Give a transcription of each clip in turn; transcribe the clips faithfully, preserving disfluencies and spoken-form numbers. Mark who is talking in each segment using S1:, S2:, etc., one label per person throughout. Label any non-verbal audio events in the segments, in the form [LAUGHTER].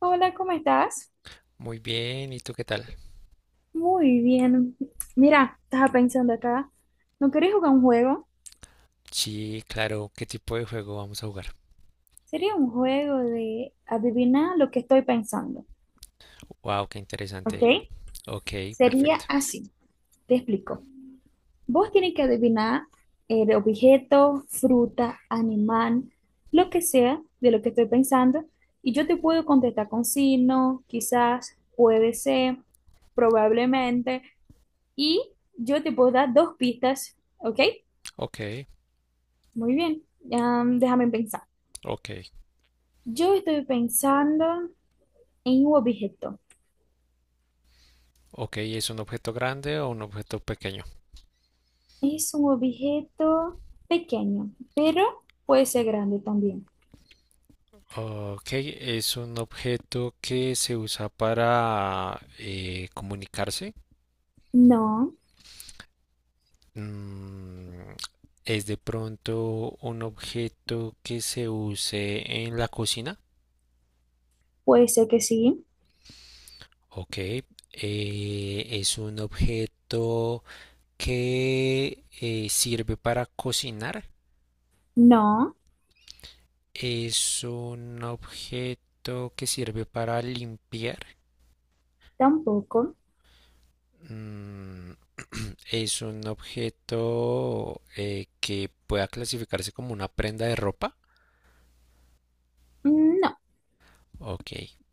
S1: Hola, ¿cómo estás?
S2: Muy bien, ¿y tú qué tal?
S1: Muy bien. Mira, estaba pensando acá. ¿No querés jugar un juego?
S2: Sí, claro, ¿qué tipo de juego vamos a jugar?
S1: Sería un juego de adivinar lo que estoy pensando,
S2: Wow, qué
S1: ¿ok?
S2: interesante. Ok,
S1: Sería
S2: perfecto.
S1: así. Te explico. Vos tienes que adivinar el objeto, fruta, animal, lo que sea de lo que estoy pensando. Y yo te puedo contestar con sí, no, quizás, puede ser, probablemente. Y yo te puedo dar dos pistas, ¿ok?
S2: Ok,
S1: Muy bien. Am, déjame pensar.
S2: ok,
S1: Yo estoy pensando en un objeto.
S2: ok, ¿es un objeto grande o un objeto pequeño?
S1: Es un objeto pequeño, pero puede ser grande también.
S2: Ok, ¿es un objeto que se usa para eh, comunicarse?
S1: No,
S2: Mm, ¿es de pronto un objeto que se use en la cocina?
S1: puede ser que sí.
S2: Ok, eh, ¿es un objeto, que eh, sirve para cocinar?
S1: No,
S2: Es un objeto que sirve para limpiar.
S1: tampoco.
S2: Mm, [CLEARS THROAT] es un objeto eh, que pueda clasificarse como una prenda de ropa.
S1: Mm, No,
S2: Ok.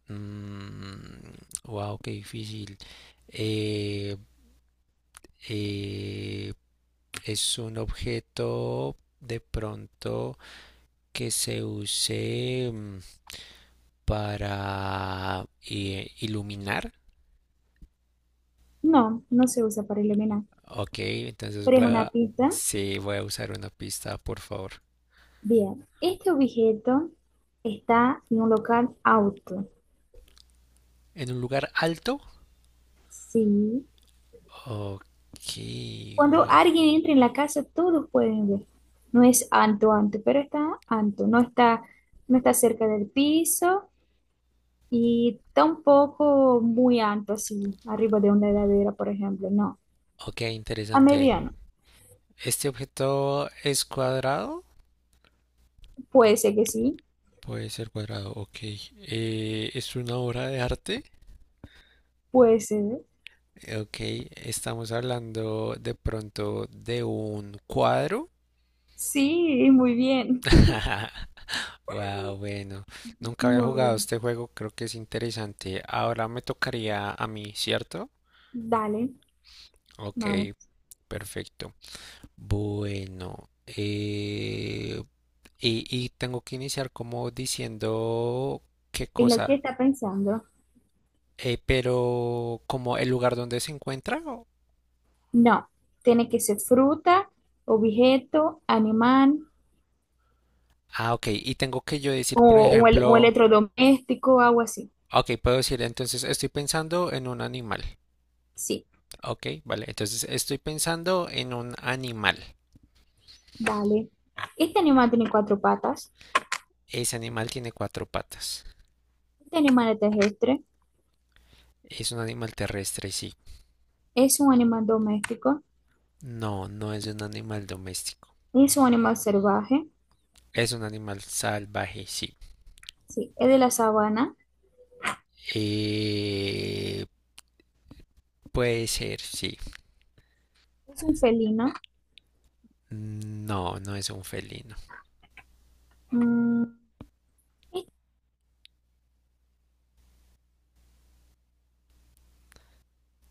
S2: Mm, wow, qué difícil. Eh, eh, es un objeto de pronto que se use, mm, para eh, iluminar.
S1: no, no se usa para eliminar.
S2: Ok, entonces
S1: Pero es
S2: voy
S1: una Mm,
S2: a...
S1: pista.
S2: Sí, voy a usar una pista, por favor.
S1: Bien, este objeto está en un local auto.
S2: En un lugar alto.
S1: Sí.
S2: Ok,
S1: Cuando
S2: gua-
S1: alguien entra en la casa, todos pueden ver. No es alto, alto, pero está alto. No está, no está cerca del piso y tampoco muy alto, así, arriba de una heladera, por ejemplo. No,
S2: Ok,
S1: a
S2: interesante.
S1: mediano.
S2: ¿Este objeto es cuadrado?
S1: Puede ser que sí,
S2: Puede ser cuadrado, ok. Eh, ¿es una obra de arte?
S1: puede ser.
S2: Ok, estamos hablando de pronto de un cuadro.
S1: Sí, muy bien.
S2: [LAUGHS] Wow, bueno,
S1: [LAUGHS]
S2: nunca había
S1: Muy
S2: jugado
S1: bien.
S2: este juego, creo que es interesante. Ahora me tocaría a mí, ¿cierto?
S1: Dale,
S2: Ok,
S1: vamos.
S2: perfecto. Bueno, eh, y, y tengo que iniciar como diciendo qué
S1: ¿Y lo que
S2: cosa.
S1: está pensando?
S2: Eh, pero como el lugar donde se encuentra. O-
S1: No, tiene que ser fruta, objeto, animal
S2: ah, ok, y tengo que yo decir, por
S1: o un el- un
S2: ejemplo,
S1: electrodoméstico, algo así.
S2: ok, puedo decir, entonces estoy pensando en un animal.
S1: Sí.
S2: Ok, vale, entonces estoy pensando en un animal.
S1: Vale. Este animal tiene cuatro patas.
S2: Ese animal tiene cuatro patas.
S1: Este animal es terrestre.
S2: Es un animal terrestre, sí.
S1: Es un animal doméstico.
S2: No, no es un animal doméstico.
S1: Es un animal salvaje.
S2: Es un animal salvaje, sí.
S1: Sí, es de la sabana.
S2: Eh, puede ser, sí.
S1: Es un felino.
S2: No, no es un felino.
S1: Mm, y-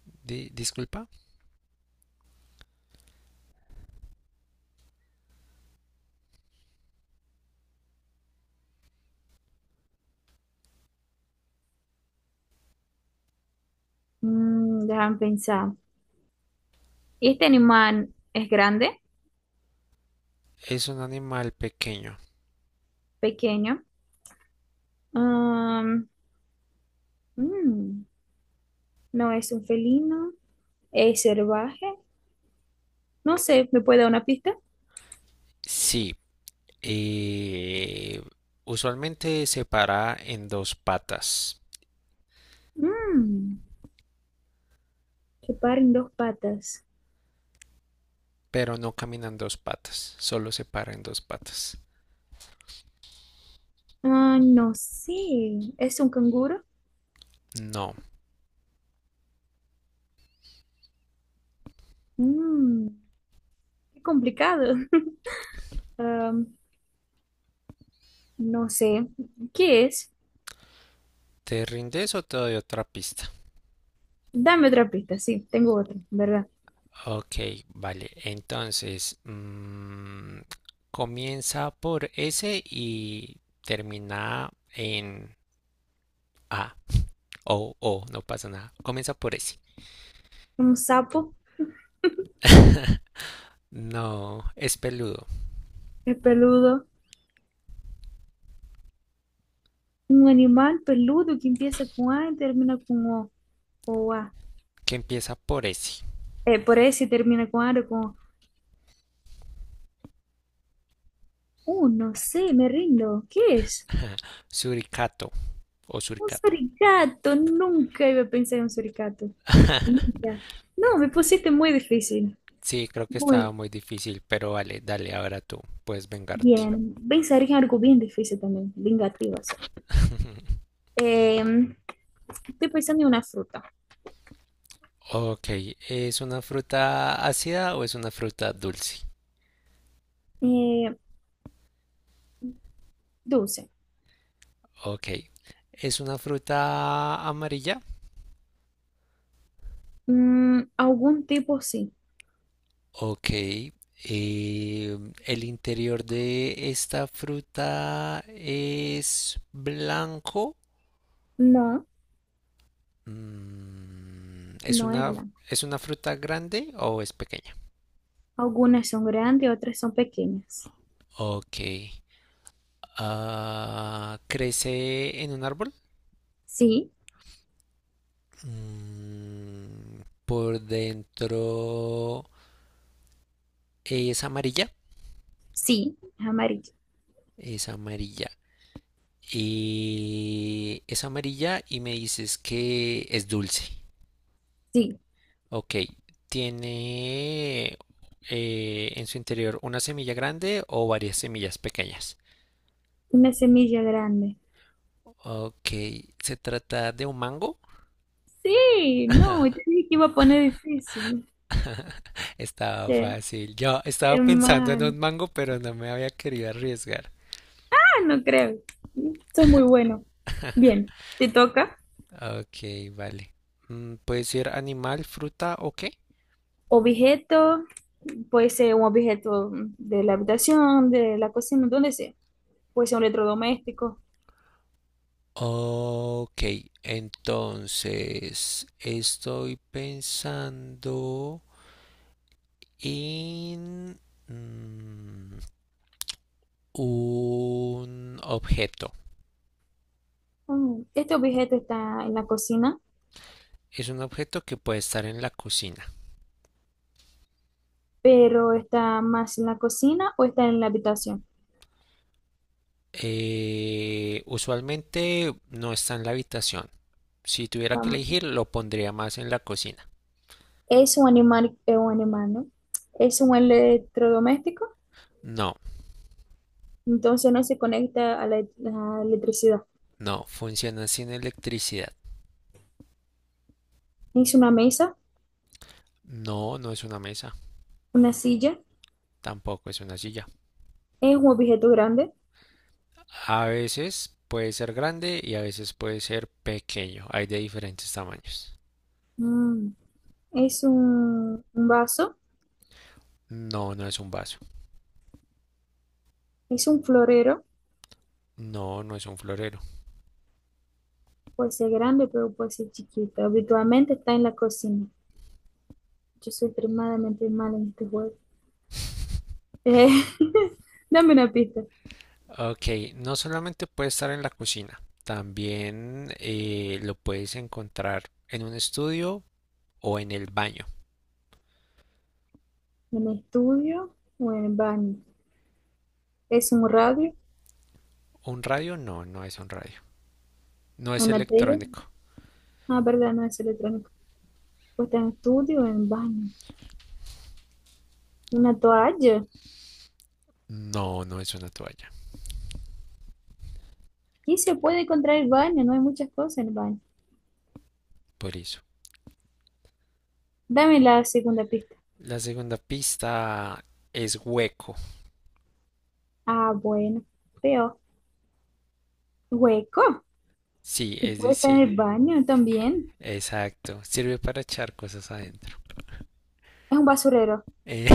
S2: Di- disculpa.
S1: mm, Déjame pensar. Este animal es grande,
S2: Es un animal pequeño.
S1: pequeño. Um, mm, no es un felino. Es salvaje. No sé, ¿me puede dar una pista?
S2: Sí. Eh, usualmente se para en dos patas,
S1: Mm, que paren dos patas.
S2: pero no camina en dos patas. Solo se para en dos patas.
S1: Ah, no sé. ¿Es un canguro?
S2: No.
S1: Mm, qué complicado. [LAUGHS] Am, no sé. ¿Qué es?
S2: ¿Te rindes o te doy otra pista?
S1: Dame otra pista. Sí, tengo otra, ¿verdad?
S2: Ok, vale. Entonces, mm, comienza por S y termina en A o O, no pasa nada. Comienza por S.
S1: Un sapo
S2: No, es peludo,
S1: es peludo. Un animal peludo que empieza con A y termina con O. O A.
S2: que empieza por S.
S1: Eh, por S y termina con A o con O. Uh, no sé, me rindo. ¿Qué es?
S2: Suricato o
S1: Un
S2: suricata.
S1: suricato. Nunca iba a pensar en un suricato.
S2: [LAUGHS]
S1: Nunca. No, me pusiste muy difícil.
S2: Sí, creo que estaba
S1: Muy
S2: muy difícil, pero vale, dale, ahora tú puedes vengarte.
S1: bien. Pensar en algo bien difícil también. Vingativas.
S2: [LAUGHS]
S1: Eh, Estoy pensando en una fruta.
S2: Ok, ¿es una fruta ácida o es una fruta dulce?
S1: Eh, dulce.
S2: Ok, ¿es una fruta amarilla?
S1: Mm, algún tipo sí.
S2: Ok, eh, el interior de esta fruta es blanco.
S1: No,
S2: Mm, ¿es
S1: no es
S2: una,
S1: blanco.
S2: ¿es una fruta grande o es pequeña?
S1: Algunas son grandes, otras son pequeñas.
S2: Ok, ah, ¿crece en un árbol?
S1: Sí,
S2: Mm, por dentro es amarilla.
S1: sí, es amarillo.
S2: Es amarilla. Y es amarilla y me dices que es dulce.
S1: Sí,
S2: Ok, ¿tiene eh, en su interior una semilla grande o varias semillas pequeñas?
S1: una semilla grande.
S2: Ok, ¿se trata de un mango?
S1: Sí, no, te dije que iba a poner difícil.
S2: Estaba
S1: Qué,
S2: fácil. Yo estaba
S1: qué
S2: pensando en
S1: mal.
S2: un mango, pero no me había querido arriesgar.
S1: Ah, no creo. Esto es muy bueno. Bien, te toca.
S2: Ok, vale. Mm, ¿puede ser animal, fruta o qué?
S1: Objeto, puede ser un objeto de la habitación, de la cocina, donde sea. Pues un electrodoméstico.
S2: Ok, entonces estoy pensando en... mm, un objeto.
S1: Mm, este objeto está en la cocina,
S2: Es un objeto que puede estar en la cocina.
S1: pero está más en la cocina o está en la habitación.
S2: Eh, usualmente no está en la habitación. Si tuviera que
S1: Vamos,
S2: elegir, lo pondría más en la cocina.
S1: es un animal, es un animal, ¿no? Es un electrodoméstico,
S2: No,
S1: entonces no se conecta a la, la electricidad.
S2: no, funciona sin electricidad.
S1: Es una mesa,
S2: No, no es una mesa,
S1: una silla,
S2: tampoco es una silla.
S1: es un objeto grande,
S2: A veces puede ser grande y a veces puede ser pequeño. Hay de diferentes tamaños.
S1: mm, es un, un vaso,
S2: No, no es un vaso.
S1: es un florero,
S2: No, no es un florero.
S1: puede ser grande, pero puede ser chiquito. Habitualmente está en la cocina. Yo soy extremadamente mala en este juego.
S2: [LAUGHS]
S1: Eh, [LAUGHS] dame una pista.
S2: Ok, no solamente puede estar en la cocina, también eh, lo puedes encontrar en un estudio o en el baño.
S1: ¿En estudio o en baño? ¿Es un radio?
S2: ¿Un radio? No, no es un radio. No es
S1: ¿Una tele?
S2: electrónico.
S1: Ah, verdad, no es electrónico. Pues está en estudio o en baño. ¿Una toalla?
S2: No, no es una toalla.
S1: ¿Qué se puede encontrar en el baño? No hay muchas cosas en el baño.
S2: Por eso.
S1: Dame la segunda pista.
S2: La segunda pista es hueco.
S1: Ah, bueno. Peor. ¿Hueco?
S2: Sí,
S1: ¿Y
S2: es
S1: puede estar en
S2: decir,
S1: el baño también?
S2: exacto. Sirve para echar cosas adentro.
S1: Es un basurero.
S2: Eh,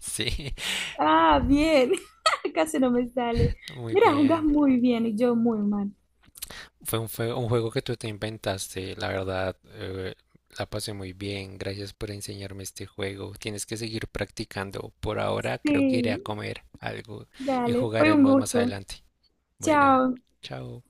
S2: [LAUGHS] sí,
S1: Ah, bien. [LAUGHS] Casi no me sale.
S2: muy
S1: Mira, jugás
S2: bien.
S1: muy bien y yo muy mal.
S2: Fue un, fue un juego que tú te inventaste, la verdad. Eh, la pasé muy bien, gracias por enseñarme este juego. Tienes que seguir practicando. Por ahora creo que iré a
S1: Sí,
S2: comer algo y
S1: dale. Fue un
S2: jugaremos más
S1: gusto.
S2: adelante. Bueno,
S1: Chao.
S2: chao.